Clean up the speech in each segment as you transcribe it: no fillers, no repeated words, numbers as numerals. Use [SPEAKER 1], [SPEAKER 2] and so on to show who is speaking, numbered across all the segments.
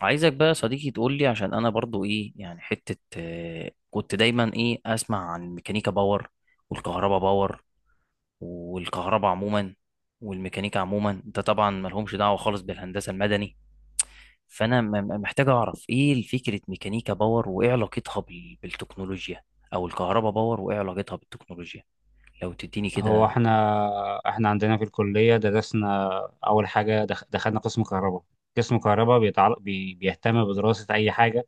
[SPEAKER 1] عايزك بقى يا صديقي تقول لي عشان انا برضو ايه يعني حتة كنت دايما ايه اسمع عن ميكانيكا باور والكهرباء باور والكهرباء عموما والميكانيكا عموما. انت طبعا ملهمش دعوة خالص بالهندسة المدني. فانا محتاج اعرف ايه فكرة ميكانيكا باور وايه علاقتها بالتكنولوجيا او الكهرباء باور وايه علاقتها بالتكنولوجيا لو تديني
[SPEAKER 2] هو
[SPEAKER 1] كده.
[SPEAKER 2] احنا عندنا في الكلية درسنا. أول حاجة دخلنا قسم كهرباء. قسم كهرباء بيتعلق بي بيهتم بدراسة أي حاجة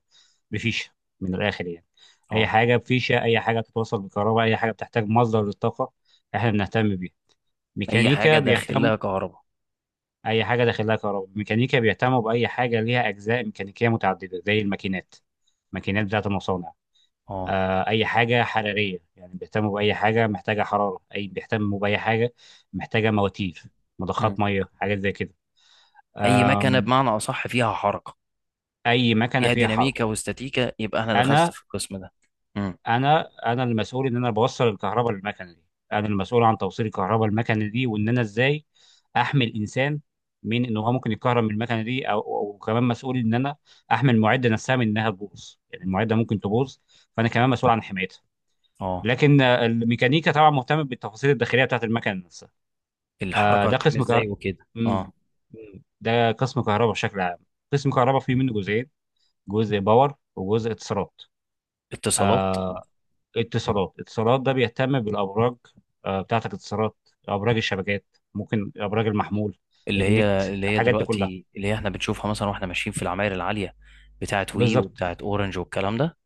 [SPEAKER 2] بفيشة، من الآخر يعني. أي
[SPEAKER 1] اه.
[SPEAKER 2] حاجة بفيشة، أي حاجة تتوصل بالكهرباء، أي حاجة بتحتاج مصدر للطاقة احنا بنهتم بيها.
[SPEAKER 1] اي حاجة
[SPEAKER 2] ميكانيكا بيهتم
[SPEAKER 1] داخلها كهرباء.
[SPEAKER 2] أي حاجة داخلها كهرباء. ميكانيكا بيهتموا بأي حاجة ليها أجزاء ميكانيكية متعددة زي الماكينات، الماكينات بتاعة المصانع.
[SPEAKER 1] اه.
[SPEAKER 2] اي حاجه حراريه، يعني بيهتموا باي حاجه محتاجه حراره، بيهتموا باي حاجه محتاجه مواتير،
[SPEAKER 1] مم.
[SPEAKER 2] مضخات ميه، حاجات زي كده.
[SPEAKER 1] اي مكنة
[SPEAKER 2] أم،
[SPEAKER 1] بمعنى اصح فيها حركة،
[SPEAKER 2] اي مكنه
[SPEAKER 1] فيها
[SPEAKER 2] فيها حركه.
[SPEAKER 1] ديناميكا واستاتيكا، يبقى انا دخلت
[SPEAKER 2] انا
[SPEAKER 1] في القسم ده. مم.
[SPEAKER 2] انا المسؤول ان انا بوصل الكهرباء للمكنه دي. انا المسؤول عن توصيل الكهرباء للمكنه دي، وان انا ازاي احمي الانسان من ان هو ممكن يتكهرب من المكنه دي او. وكمان مسؤول ان انا احمي المعده نفسها من انها تبوظ، يعني المعده ممكن تبوظ، فانا كمان مسؤول عن حمايتها.
[SPEAKER 1] اه.
[SPEAKER 2] لكن الميكانيكا طبعا مهتم بالتفاصيل الداخليه بتاعت المكنه نفسها. آه،
[SPEAKER 1] الحركه
[SPEAKER 2] ده
[SPEAKER 1] هتتم
[SPEAKER 2] قسم
[SPEAKER 1] ازاي
[SPEAKER 2] كهرباء.
[SPEAKER 1] وكده.
[SPEAKER 2] مم.
[SPEAKER 1] اه.
[SPEAKER 2] مم. ده قسم كهرباء بشكل عام. قسم كهرباء فيه منه جزئين، جزء باور وجزء اتصالات.
[SPEAKER 1] اتصالات.
[SPEAKER 2] آه. اتصالات ده بيهتم بالابراج، آه، بتاعت الاتصالات، ابراج الشبكات، ممكن ابراج المحمول،
[SPEAKER 1] اللي
[SPEAKER 2] النت،
[SPEAKER 1] هي اللي هي
[SPEAKER 2] الحاجات دي كلها.
[SPEAKER 1] دلوقتي، اللي هي احنا بنشوفها مثلا واحنا ماشيين في العماير العاليه بتاعت وي
[SPEAKER 2] بالظبط،
[SPEAKER 1] وبتاعت اورنج والكلام ده.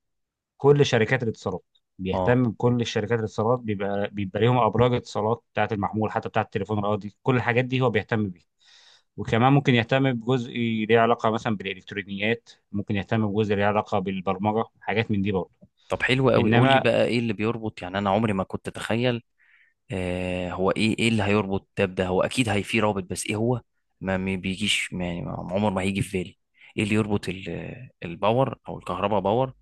[SPEAKER 2] كل شركات الاتصالات،
[SPEAKER 1] اه.
[SPEAKER 2] بيهتم بكل شركات الاتصالات. بيبقى ليهم ابراج اتصالات بتاعه المحمول، حتى بتاعه التليفون الارضي، كل الحاجات دي هو بيهتم بيها. وكمان ممكن يهتم بجزء ليه علاقه مثلا بالالكترونيات، ممكن يهتم بجزء ليه علاقه بالبرمجه، حاجات من دي برضه.
[SPEAKER 1] طب حلو قوي، قول لي
[SPEAKER 2] انما
[SPEAKER 1] بقى ايه اللي بيربط. يعني انا عمري ما كنت اتخيل. هو ايه، ايه اللي هيربط ده بده. هو اكيد هي في رابط، بس ايه هو. ما بيجيش، يعني عمر ما هيجي في بالي ايه اللي يربط الباور او الكهرباء باور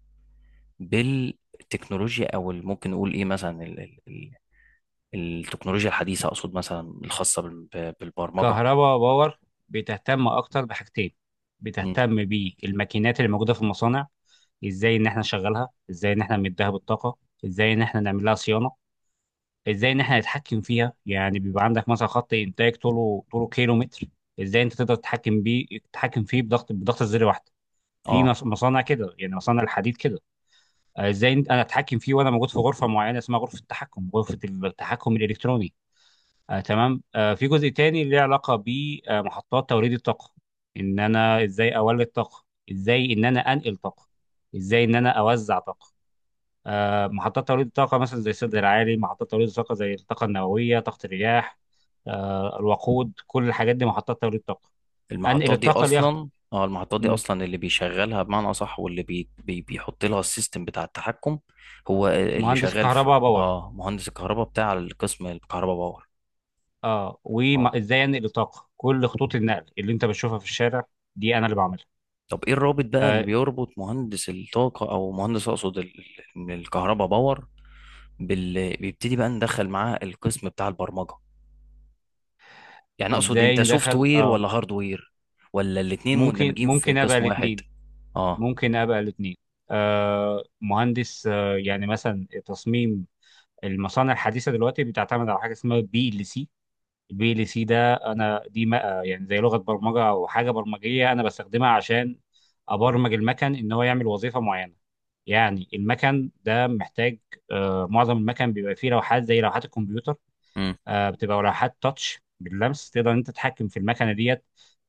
[SPEAKER 1] بالتكنولوجيا، او ممكن نقول ايه مثلا ال التكنولوجيا الحديثه، اقصد مثلا الخاصه بالبرمجه.
[SPEAKER 2] كهرباء باور بتهتم اكتر بحاجتين.
[SPEAKER 1] مم.
[SPEAKER 2] بتهتم بالماكينات اللي موجوده في المصانع، ازاي ان احنا نشغلها، ازاي ان احنا نديها بالطاقه، ازاي ان احنا نعمل لها صيانه، ازاي ان احنا نتحكم فيها. يعني بيبقى عندك مثلا خط انتاج طوله كيلو متر، ازاي انت تقدر تتحكم بيه، تتحكم فيه بضغط زر واحده، في
[SPEAKER 1] اه.
[SPEAKER 2] مصانع كده، يعني مصانع الحديد كده. آه، ازاي انا اتحكم فيه وانا موجود في غرفه معينه اسمها غرفه التحكم، غرفه التحكم الالكتروني. آه تمام. آه، في جزء تاني له علاقه بمحطات توليد الطاقه، ان انا ازاي اولد طاقه، ازاي ان انا انقل طاقه، ازاي ان انا اوزع طاقه. آه، محطات توليد الطاقة مثلا زي السد العالي، محطات توليد الطاقة زي الطاقة النووية، طاقة الرياح، الوقود، كل الحاجات دي محطات توليد طاقة. أنقل
[SPEAKER 1] المحطات دي
[SPEAKER 2] الطاقة ليها خط-
[SPEAKER 1] اصلا، اه المحطات دي
[SPEAKER 2] م،
[SPEAKER 1] اصلا اللي بيشغلها بمعنى اصح، واللي بي بي بيحط لها السيستم بتاع التحكم، هو اللي
[SPEAKER 2] مهندس
[SPEAKER 1] شغال في
[SPEAKER 2] كهرباء باور.
[SPEAKER 1] اه مهندس الكهرباء بتاع القسم الكهرباء باور.
[SPEAKER 2] اه،
[SPEAKER 1] اه.
[SPEAKER 2] وازاي انقل الطاقة، كل خطوط النقل اللي انت بتشوفها في الشارع دي انا اللي بعملها.
[SPEAKER 1] طب ايه الرابط بقى اللي
[SPEAKER 2] آه،
[SPEAKER 1] بيربط مهندس الطاقه، او مهندس اقصد الكهرباء باور بيبتدي بقى ندخل معاه القسم بتاع البرمجه. يعني اقصد انت
[SPEAKER 2] ازاي
[SPEAKER 1] سوفت
[SPEAKER 2] ندخل؟
[SPEAKER 1] وير
[SPEAKER 2] اه،
[SPEAKER 1] ولا هارد وير، ولا الاتنين
[SPEAKER 2] ممكن،
[SPEAKER 1] مندمجين في
[SPEAKER 2] ممكن ابقى
[SPEAKER 1] قسم واحد.
[SPEAKER 2] الاثنين،
[SPEAKER 1] اه.
[SPEAKER 2] ممكن ابقى الاثنين. آه، مهندس آه، يعني مثلا تصميم المصانع الحديثة دلوقتي بتعتمد على حاجة اسمها PLC، الPLC ده انا دي ما يعني زي لغه برمجه او حاجه برمجيه انا بستخدمها عشان ابرمج المكن ان هو يعمل وظيفه معينه. يعني المكن ده محتاج، معظم المكن بيبقى فيه لوحات زي لوحات الكمبيوتر.
[SPEAKER 1] امم.
[SPEAKER 2] آه، بتبقى لوحات تاتش باللمس، تقدر إن انت تتحكم في المكنه ديت،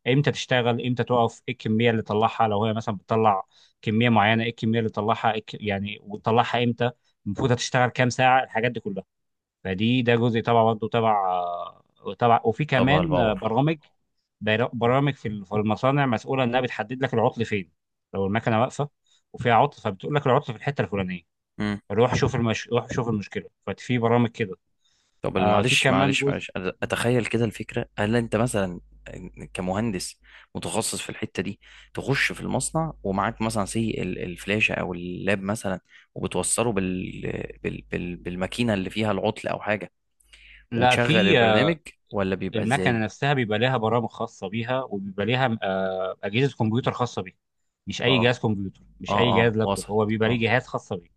[SPEAKER 2] امتى تشتغل، امتى تقف، ايه الكميه اللي تطلعها لو هي مثلا بتطلع كميه معينه، ايه الكميه اللي تطلعها، يعني وتطلعها امتى، المفروض هتشتغل كام ساعه، الحاجات دي كلها. ده جزء طبعا برضه تبع. وفي
[SPEAKER 1] طبعا
[SPEAKER 2] كمان
[SPEAKER 1] الباور.
[SPEAKER 2] برامج، برامج في المصانع مسؤوله انها بتحدد لك العطل فين، لو المكنه واقفه وفيها عطل، فبتقول لك العطل في الحته الفلانيه.
[SPEAKER 1] امم.
[SPEAKER 2] روح شوف المشكله. ففي برامج كده.
[SPEAKER 1] طب
[SPEAKER 2] آه، في
[SPEAKER 1] معلش
[SPEAKER 2] كمان
[SPEAKER 1] معلش
[SPEAKER 2] جزء.
[SPEAKER 1] معلش، أنا اتخيل كده الفكره. هل انت مثلا كمهندس متخصص في الحته دي تخش في المصنع ومعاك مثلا سي الفلاشه او اللاب مثلا، وبتوصله بالماكينه اللي فيها العطل او حاجه
[SPEAKER 2] لا
[SPEAKER 1] وتشغل
[SPEAKER 2] في آه
[SPEAKER 1] البرنامج، ولا بيبقى
[SPEAKER 2] المكنه
[SPEAKER 1] ازاي.
[SPEAKER 2] نفسها بيبقى لها برامج خاصه بيها، وبيبقى لها آه، اجهزه كمبيوتر خاصه بيها، مش اي
[SPEAKER 1] اه،
[SPEAKER 2] جهاز كمبيوتر، مش
[SPEAKER 1] اه،
[SPEAKER 2] اي جهاز
[SPEAKER 1] اه،
[SPEAKER 2] لابتوب،
[SPEAKER 1] وصل.
[SPEAKER 2] هو بيبقى ليه
[SPEAKER 1] اه.
[SPEAKER 2] جهاز خاص بيه.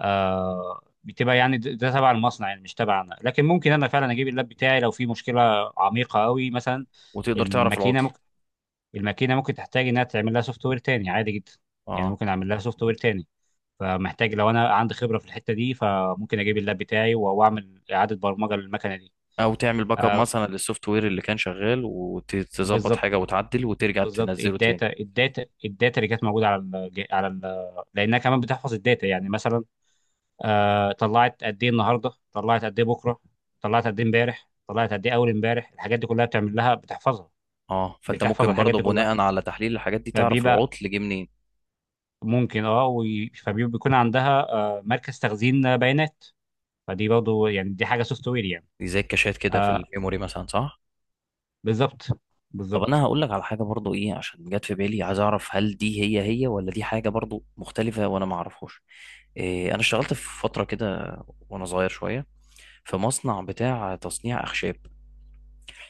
[SPEAKER 2] آه، بتبقى يعني ده تبع المصنع، يعني مش تبعنا، لكن ممكن انا فعلا اجيب اللاب بتاعي لو في مشكله عميقه قوي مثلا.
[SPEAKER 1] وتقدر تعرف
[SPEAKER 2] الماكينه
[SPEAKER 1] العطل.
[SPEAKER 2] ممكن الماكينه ممكن تحتاج انها تعمل لها سوفت وير تاني، عادي جدا، يعني
[SPEAKER 1] اه.
[SPEAKER 2] ممكن اعمل لها سوفت وير تاني. فمحتاج لو انا عندي خبره في الحته دي، فممكن اجيب اللاب بتاعي واعمل اعاده برمجه للمكنه دي.
[SPEAKER 1] او تعمل باك اب
[SPEAKER 2] آه،
[SPEAKER 1] مثلا للسوفت وير اللي كان شغال وتظبط حاجه
[SPEAKER 2] بالظبط،
[SPEAKER 1] وتعدل وترجع
[SPEAKER 2] بالظبط.
[SPEAKER 1] تنزله تاني.
[SPEAKER 2] الداتا، الداتا اللي كانت موجوده على لانها كمان بتحفظ الداتا. يعني مثلا آه، طلعت قد ايه النهارده، طلعت قد ايه بكره، طلعت قد ايه امبارح، طلعت قد ايه اول امبارح، الحاجات دي كلها بتعمل لها، بتحفظها،
[SPEAKER 1] اه. فانت
[SPEAKER 2] بتحفظ
[SPEAKER 1] ممكن
[SPEAKER 2] الحاجات
[SPEAKER 1] برضه
[SPEAKER 2] دي كلها.
[SPEAKER 1] بناء على تحليل الحاجات دي تعرف
[SPEAKER 2] فبيبقى
[SPEAKER 1] العطل جه منين.
[SPEAKER 2] ممكن فبيكون عندها آه، مركز تخزين بيانات. فدي برضه يعني دي حاجه سوفت وير يعني.
[SPEAKER 1] دي زي الكاشات كده في
[SPEAKER 2] آه،
[SPEAKER 1] الميموري مثلا، صح؟
[SPEAKER 2] بالظبط،
[SPEAKER 1] طب انا
[SPEAKER 2] بالظبط.
[SPEAKER 1] هقول لك على حاجه برضه ايه، عشان جت في بالي. عايز اعرف هل دي هي ولا دي حاجه برضه مختلفه وانا ما اعرفهاش. إيه، انا اشتغلت في فتره كده وانا صغير شويه في مصنع بتاع تصنيع اخشاب.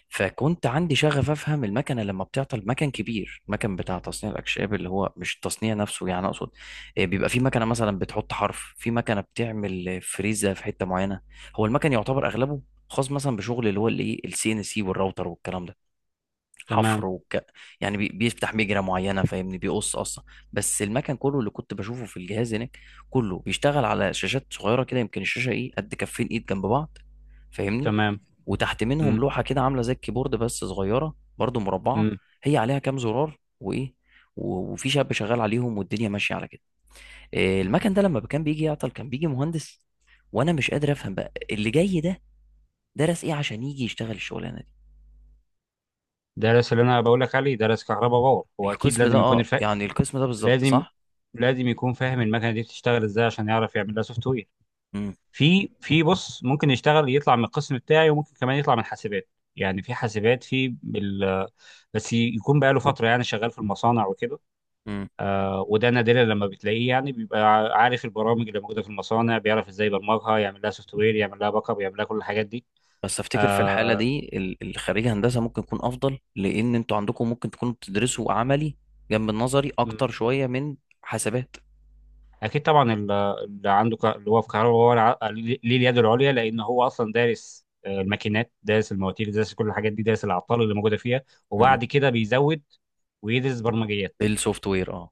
[SPEAKER 1] فكنت عندي شغف افهم المكنه لما بتعطل. مكن كبير، مكن بتاع تصنيع الاكشاب، اللي هو مش التصنيع نفسه يعني. اقصد، بيبقى في مكنه مثلا بتحط حرف، في مكنه بتعمل فريزه في حته معينه. هو المكن يعتبر اغلبه خاص مثلا بشغل اللي هو الايه السي ان سي والراوتر والكلام ده.
[SPEAKER 2] تمام.
[SPEAKER 1] حفر وك... يعني بيفتح مجرى معينه فاهمني، بيقص اصلا. بس المكن كله اللي كنت بشوفه في الجهاز هناك كله بيشتغل على شاشات صغيره كده، يمكن الشاشه ايه قد كفين ايد جنب بعض، فاهمني.
[SPEAKER 2] تمام.
[SPEAKER 1] وتحت منهم
[SPEAKER 2] امم.
[SPEAKER 1] لوحه كده عامله زي الكيبورد بس صغيره برضو مربعه،
[SPEAKER 2] امم.
[SPEAKER 1] هي عليها كام زرار وايه. وفي شاب شغال عليهم والدنيا ماشيه على كده. إيه، المكن ده لما كان بيجي يعطل كان بيجي مهندس، وانا مش قادر افهم بقى اللي جاي ده درس ايه عشان يجي يشتغل الشغلانه دي.
[SPEAKER 2] درس اللي انا بقول لك عليه، درس كهرباء باور. هو اكيد
[SPEAKER 1] القسم ده،
[SPEAKER 2] لازم يكون
[SPEAKER 1] اه يعني القسم ده بالظبط،
[SPEAKER 2] لازم،
[SPEAKER 1] صح.
[SPEAKER 2] لازم يكون فاهم المكنه دي بتشتغل ازاي عشان يعرف يعمل لها سوفت وير.
[SPEAKER 1] مم.
[SPEAKER 2] في بص، ممكن يشتغل يطلع من القسم بتاعي، وممكن كمان يطلع من حاسبات. يعني في حاسبات بس يكون بقى له فتره يعني شغال في المصانع وكده.
[SPEAKER 1] مم.
[SPEAKER 2] آه، وده نادرا لما بتلاقيه، يعني بيبقى عارف البرامج اللي موجوده في المصانع، بيعرف ازاي يبرمجها، يعمل لها سوفت وير، يعمل لها باك اب، يعمل لها كل الحاجات دي.
[SPEAKER 1] بس افتكر في الحاله
[SPEAKER 2] آه.
[SPEAKER 1] دي الخريج هندسه ممكن يكون افضل، لان انتوا عندكم ممكن تكونوا بتدرسوا عملي جنب النظري اكتر شويه من حاسبات.
[SPEAKER 2] اكيد طبعا، اللي هو في كهرباء هو ليه اليد العليا، لان هو اصلا دارس، آه، الماكينات، دارس المواتير، دارس كل الحاجات دي، دارس العطال اللي موجوده فيها،
[SPEAKER 1] مم.
[SPEAKER 2] وبعد كده بيزود ويدرس برمجيات،
[SPEAKER 1] السوفت وير اه.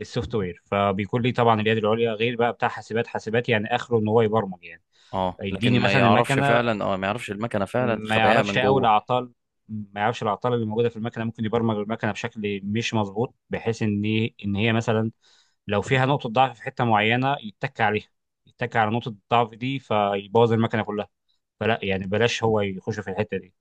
[SPEAKER 2] السوفت وير. فبيكون ليه طبعا اليد العليا، غير بقى بتاع حاسبات. حاسبات يعني اخره ان هو يبرمج يعني،
[SPEAKER 1] اه لكن
[SPEAKER 2] يديني
[SPEAKER 1] ما
[SPEAKER 2] مثلا
[SPEAKER 1] يعرفش
[SPEAKER 2] المكنه،
[SPEAKER 1] فعلا، اه ما يعرفش المكنه فعلا
[SPEAKER 2] ما
[SPEAKER 1] خباياها
[SPEAKER 2] يعرفش
[SPEAKER 1] من
[SPEAKER 2] قوي
[SPEAKER 1] جوه.
[SPEAKER 2] الاعطال، ما يعرفش الاعطال اللي موجوده في المكنه. ممكن يبرمج المكنه بشكل مش مظبوط، بحيث ان ان هي مثلا لو فيها نقطه ضعف في حته معينه يتك عليها، يتك على نقطه الضعف دي فيبوظ المكنه كلها. فلا، يعني بلاش هو يخش في الحته دي.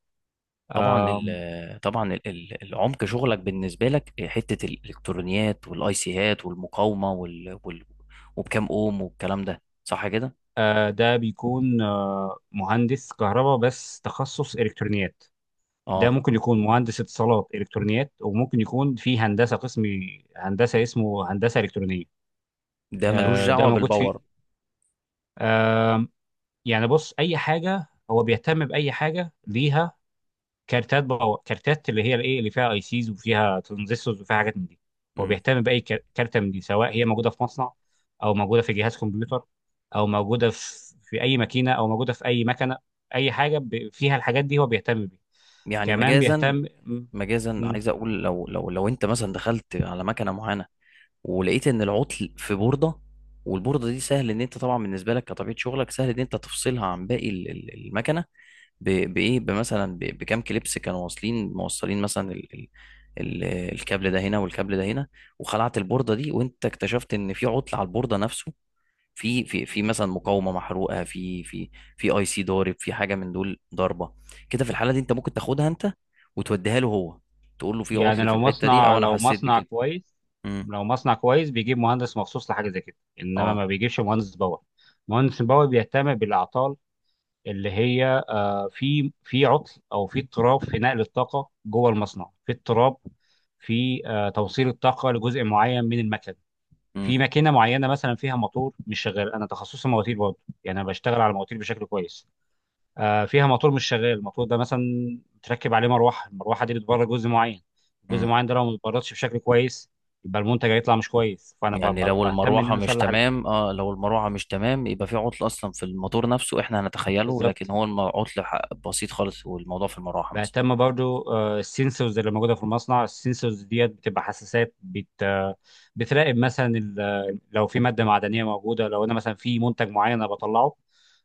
[SPEAKER 1] طبعا العمق شغلك بالنسبه لك حته الالكترونيات والاي سيهات والمقاومه وال وال وبكام اوم والكلام ده، صح كده.
[SPEAKER 2] ده بيكون مهندس كهرباء بس تخصص الكترونيات. ده
[SPEAKER 1] اه.
[SPEAKER 2] ممكن يكون مهندس اتصالات الكترونيات، وممكن يكون في هندسه قسم هندسه اسمه هندسه الكترونيه.
[SPEAKER 1] ده ملوش
[SPEAKER 2] آه، ده
[SPEAKER 1] دعوه
[SPEAKER 2] موجود في
[SPEAKER 1] بالباور.
[SPEAKER 2] آه، يعني بص، اي حاجه هو بيهتم باي حاجه ليها كارتات اللي هي الايه اللي فيها اي سيز، وفيها ترانزستورز، وفيها حاجات من دي. هو
[SPEAKER 1] مم.
[SPEAKER 2] بيهتم باي كارته من دي، سواء هي موجوده في مصنع، او موجوده في جهاز كمبيوتر، او موجوده في اي ماكينه، او موجوده في اي مكنه، اي حاجه فيها الحاجات دي هو بيهتم بيها.
[SPEAKER 1] يعني
[SPEAKER 2] كمان
[SPEAKER 1] مجازا،
[SPEAKER 2] بيهتم م-
[SPEAKER 1] مجازا
[SPEAKER 2] م-
[SPEAKER 1] عايز اقول، لو انت مثلا دخلت على مكنه معينه ولقيت ان العطل في بورده، والبورده دي سهل ان انت طبعا بالنسبه لك كطبيعه شغلك سهل ان انت تفصلها عن باقي المكنه، بايه، بمثلا بكام كليبس كانوا موصلين مثلا ال ال ال الكابل ده هنا والكابل ده هنا. وخلعت البورده دي وانت اكتشفت ان في عطل على البورده نفسه، في مثلا مقاومه محروقه، في في اي سي ضارب، في حاجه من دول ضاربه كده. في الحاله دي انت ممكن تاخدها انت وتوديها له هو، تقول له في
[SPEAKER 2] يعني
[SPEAKER 1] عطل في
[SPEAKER 2] لو
[SPEAKER 1] الحته دي
[SPEAKER 2] مصنع،
[SPEAKER 1] او انا حسيت بكده. امم.
[SPEAKER 2] لو مصنع كويس بيجيب مهندس مخصوص لحاجه زي كده، انما
[SPEAKER 1] اه.
[SPEAKER 2] ما بيجيبش مهندس باور. مهندس باور بيهتم بالاعطال اللي هي، في في عطل او في اضطراب في نقل الطاقه جوه المصنع، في اضطراب في توصيل الطاقه لجزء معين من المكن،
[SPEAKER 1] مم.
[SPEAKER 2] في ماكينه معينه مثلا فيها موتور مش شغال. انا تخصصي مواتير برضه، يعني انا بشتغل على المواتير بشكل كويس. آه، فيها موتور مش شغال، الموتور ده مثلا متركب عليه مروحه، المروحه دي بتبرد جزء معين، الجزء
[SPEAKER 1] مم.
[SPEAKER 2] المعين ده لو ما اتبردش بشكل كويس، يبقى المنتج هيطلع مش كويس. فانا
[SPEAKER 1] يعني لو
[SPEAKER 2] بهتم ان
[SPEAKER 1] المروحه
[SPEAKER 2] انا
[SPEAKER 1] مش
[SPEAKER 2] اصلح
[SPEAKER 1] تمام، اه لو المروحه مش تمام يبقى في عطل اصلا في الموتور نفسه احنا هنتخيله،
[SPEAKER 2] بالظبط.
[SPEAKER 1] لكن هو عطل بسيط خالص والموضوع في المروحه مثلا.
[SPEAKER 2] بهتم برضو السنسورز اللي موجوده في المصنع، السنسورز ديت بتبقى حساسات بت آه، بتراقب مثلا لو في ماده معدنيه موجوده، لو انا مثلا في منتج معين انا بطلعه،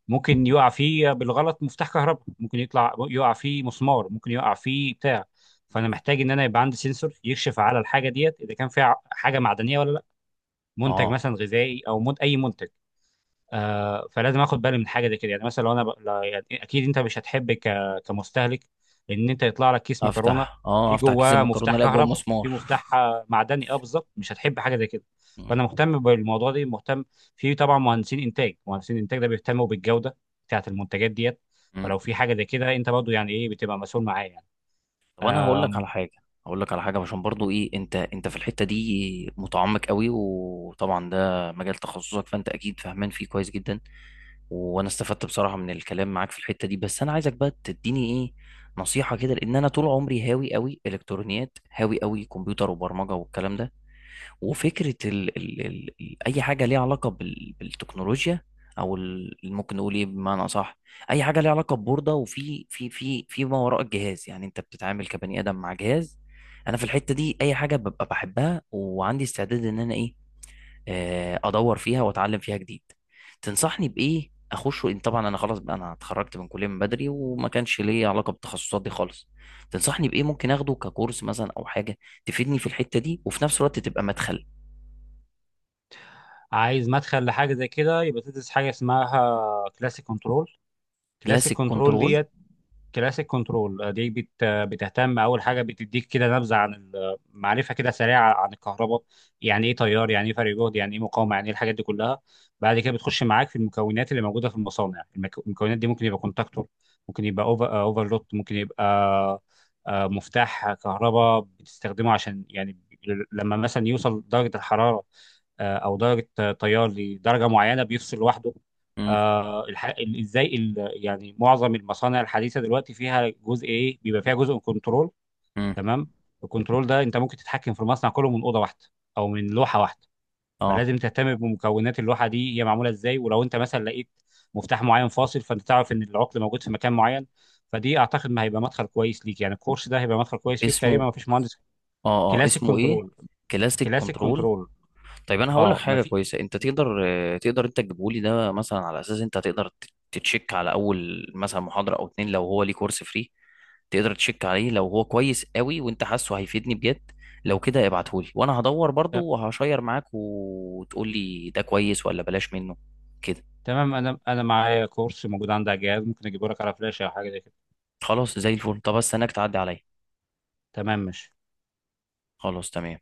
[SPEAKER 2] ممكن يقع فيه بالغلط مفتاح كهرباء، ممكن يطلع يقع فيه مسمار، ممكن يقع فيه بتاع.
[SPEAKER 1] مم.
[SPEAKER 2] فانا محتاج ان انا يبقى عندي سنسور يكشف على الحاجه ديت اذا كان فيها حاجه معدنيه ولا لا، منتج
[SPEAKER 1] اه.
[SPEAKER 2] مثلا غذائي او من اي منتج. آه، فلازم اخد بالي من حاجه زي كده. يعني مثلا لو انا ب... لا- يعني اكيد انت مش هتحب، كمستهلك، ان انت يطلع لك كيس مكرونه
[SPEAKER 1] افتح، اه
[SPEAKER 2] في
[SPEAKER 1] افتح كيس
[SPEAKER 2] جواه
[SPEAKER 1] المكرونه
[SPEAKER 2] مفتاح
[SPEAKER 1] الاقي جوه
[SPEAKER 2] كهرباء، في
[SPEAKER 1] مسمار.
[SPEAKER 2] مفتاح آه، معدني، اه بالظبط، مش هتحب حاجه زي كده. فانا مهتم بالموضوع ده، مهتم. في طبعا مهندسين انتاج، مهندسين انتاج ده بيهتموا بالجوده بتاعه المنتجات ديت.
[SPEAKER 1] مم.
[SPEAKER 2] فلو في حاجه زي كده انت برضو يعني ايه، بتبقى مسؤول معاه يعني.
[SPEAKER 1] طب انا هقول لك على حاجه، هقول لك على حاجه عشان برضو ايه. انت في الحته دي متعمق قوي، وطبعا ده مجال تخصصك فانت اكيد فاهمان فيه كويس جدا. وانا استفدت بصراحه من الكلام معاك في الحته دي. بس انا عايزك بقى تديني ايه نصيحه كده، لان انا طول عمري هاوي قوي الكترونيات، هاوي قوي كمبيوتر وبرمجه والكلام ده. وفكرة أي حاجة ليها علاقة بالتكنولوجيا، أو ممكن نقول إيه بمعنى أصح. أي حاجة ليها علاقة ببوردة وفي في ما وراء الجهاز. يعني أنت بتتعامل كبني آدم مع جهاز. أنا في الحتة دي أي حاجة ببقى بحبها، وعندي استعداد إن أنا إيه، أدور فيها وأتعلم فيها جديد. تنصحني بإيه أخش، وإن طبعا أنا خلاص بقى، أنا اتخرجت من كلية من بدري وما كانش ليا علاقة بالتخصصات دي خالص. تنصحني بإيه ممكن أخده ككورس مثلا أو حاجة تفيدني في الحتة دي وفي نفس الوقت تبقى مدخل.
[SPEAKER 2] عايز مدخل لحاجه زي كده، يبقى تدرس حاجه اسمها كلاسيك كنترول. كلاسيك
[SPEAKER 1] كلاسيك
[SPEAKER 2] كنترول
[SPEAKER 1] كنترول.
[SPEAKER 2] ديت، كلاسيك كنترول دي بتهتم اول حاجه بتديك كده نبذه معرفه كده سريعه عن الكهرباء، يعني ايه تيار، يعني ايه فرق جهد، يعني ايه مقاومه، يعني ايه، الحاجات دي كلها. بعد كده بتخش معاك في المكونات اللي موجوده في المصانع. المكونات دي ممكن يبقى كونتاكتور، ممكن يبقى اوفرلود ممكن يبقى آه، مفتاح كهرباء بتستخدمه عشان يعني، لما مثلا يوصل درجه الحراره، آه، او درجه آه، تيار لدرجه معينه بيفصل لوحده.
[SPEAKER 1] امم.
[SPEAKER 2] آه الح... ال- ازاي ال... يعني معظم المصانع الحديثه دلوقتي فيها جزء ايه، بيبقى فيها جزء كنترول،
[SPEAKER 1] امم.
[SPEAKER 2] تمام؟ الكنترول ده انت ممكن تتحكم في المصنع كله من اوضه واحده، او من لوحه واحده.
[SPEAKER 1] اه
[SPEAKER 2] فلازم تهتم بمكونات اللوحه دي هي معموله ازاي، ولو انت مثلا لقيت مفتاح معين فاصل، فانت تعرف ان العقل موجود في مكان معين. فدي اعتقد ما هيبقى مدخل كويس ليك، يعني الكورس ده هيبقى مدخل كويس ليك تقريبا.
[SPEAKER 1] اسمه،
[SPEAKER 2] ما فيش مهندس.
[SPEAKER 1] اه اه
[SPEAKER 2] كلاسيك
[SPEAKER 1] اسمه ايه.
[SPEAKER 2] كنترول.
[SPEAKER 1] كلاسيك
[SPEAKER 2] كلاسيك
[SPEAKER 1] كنترول.
[SPEAKER 2] كنترول.
[SPEAKER 1] طيب انا هقول لك
[SPEAKER 2] اه ما
[SPEAKER 1] حاجه
[SPEAKER 2] في.
[SPEAKER 1] كويسه، انت تقدر، تقدر انت تجيبه لي ده مثلا، على اساس انت هتقدر تتشيك على اول مثلا محاضره او اتنين لو هو ليه كورس فري، تقدر تشيك عليه لو هو كويس قوي وانت حاسه هيفيدني بجد. لو كده ابعتهولي، وانا هدور برضو وهشير معاك وتقول لي ده كويس ولا بلاش منه، كده.
[SPEAKER 2] تمام، انا معايا كورس موجود عندي على الجهاز، ممكن اجيبه لك على فلاش او حاجه زي كده.
[SPEAKER 1] خلاص زي الفل. طب استناك تعدي عليا.
[SPEAKER 2] تمام ماشي.
[SPEAKER 1] خلاص تمام.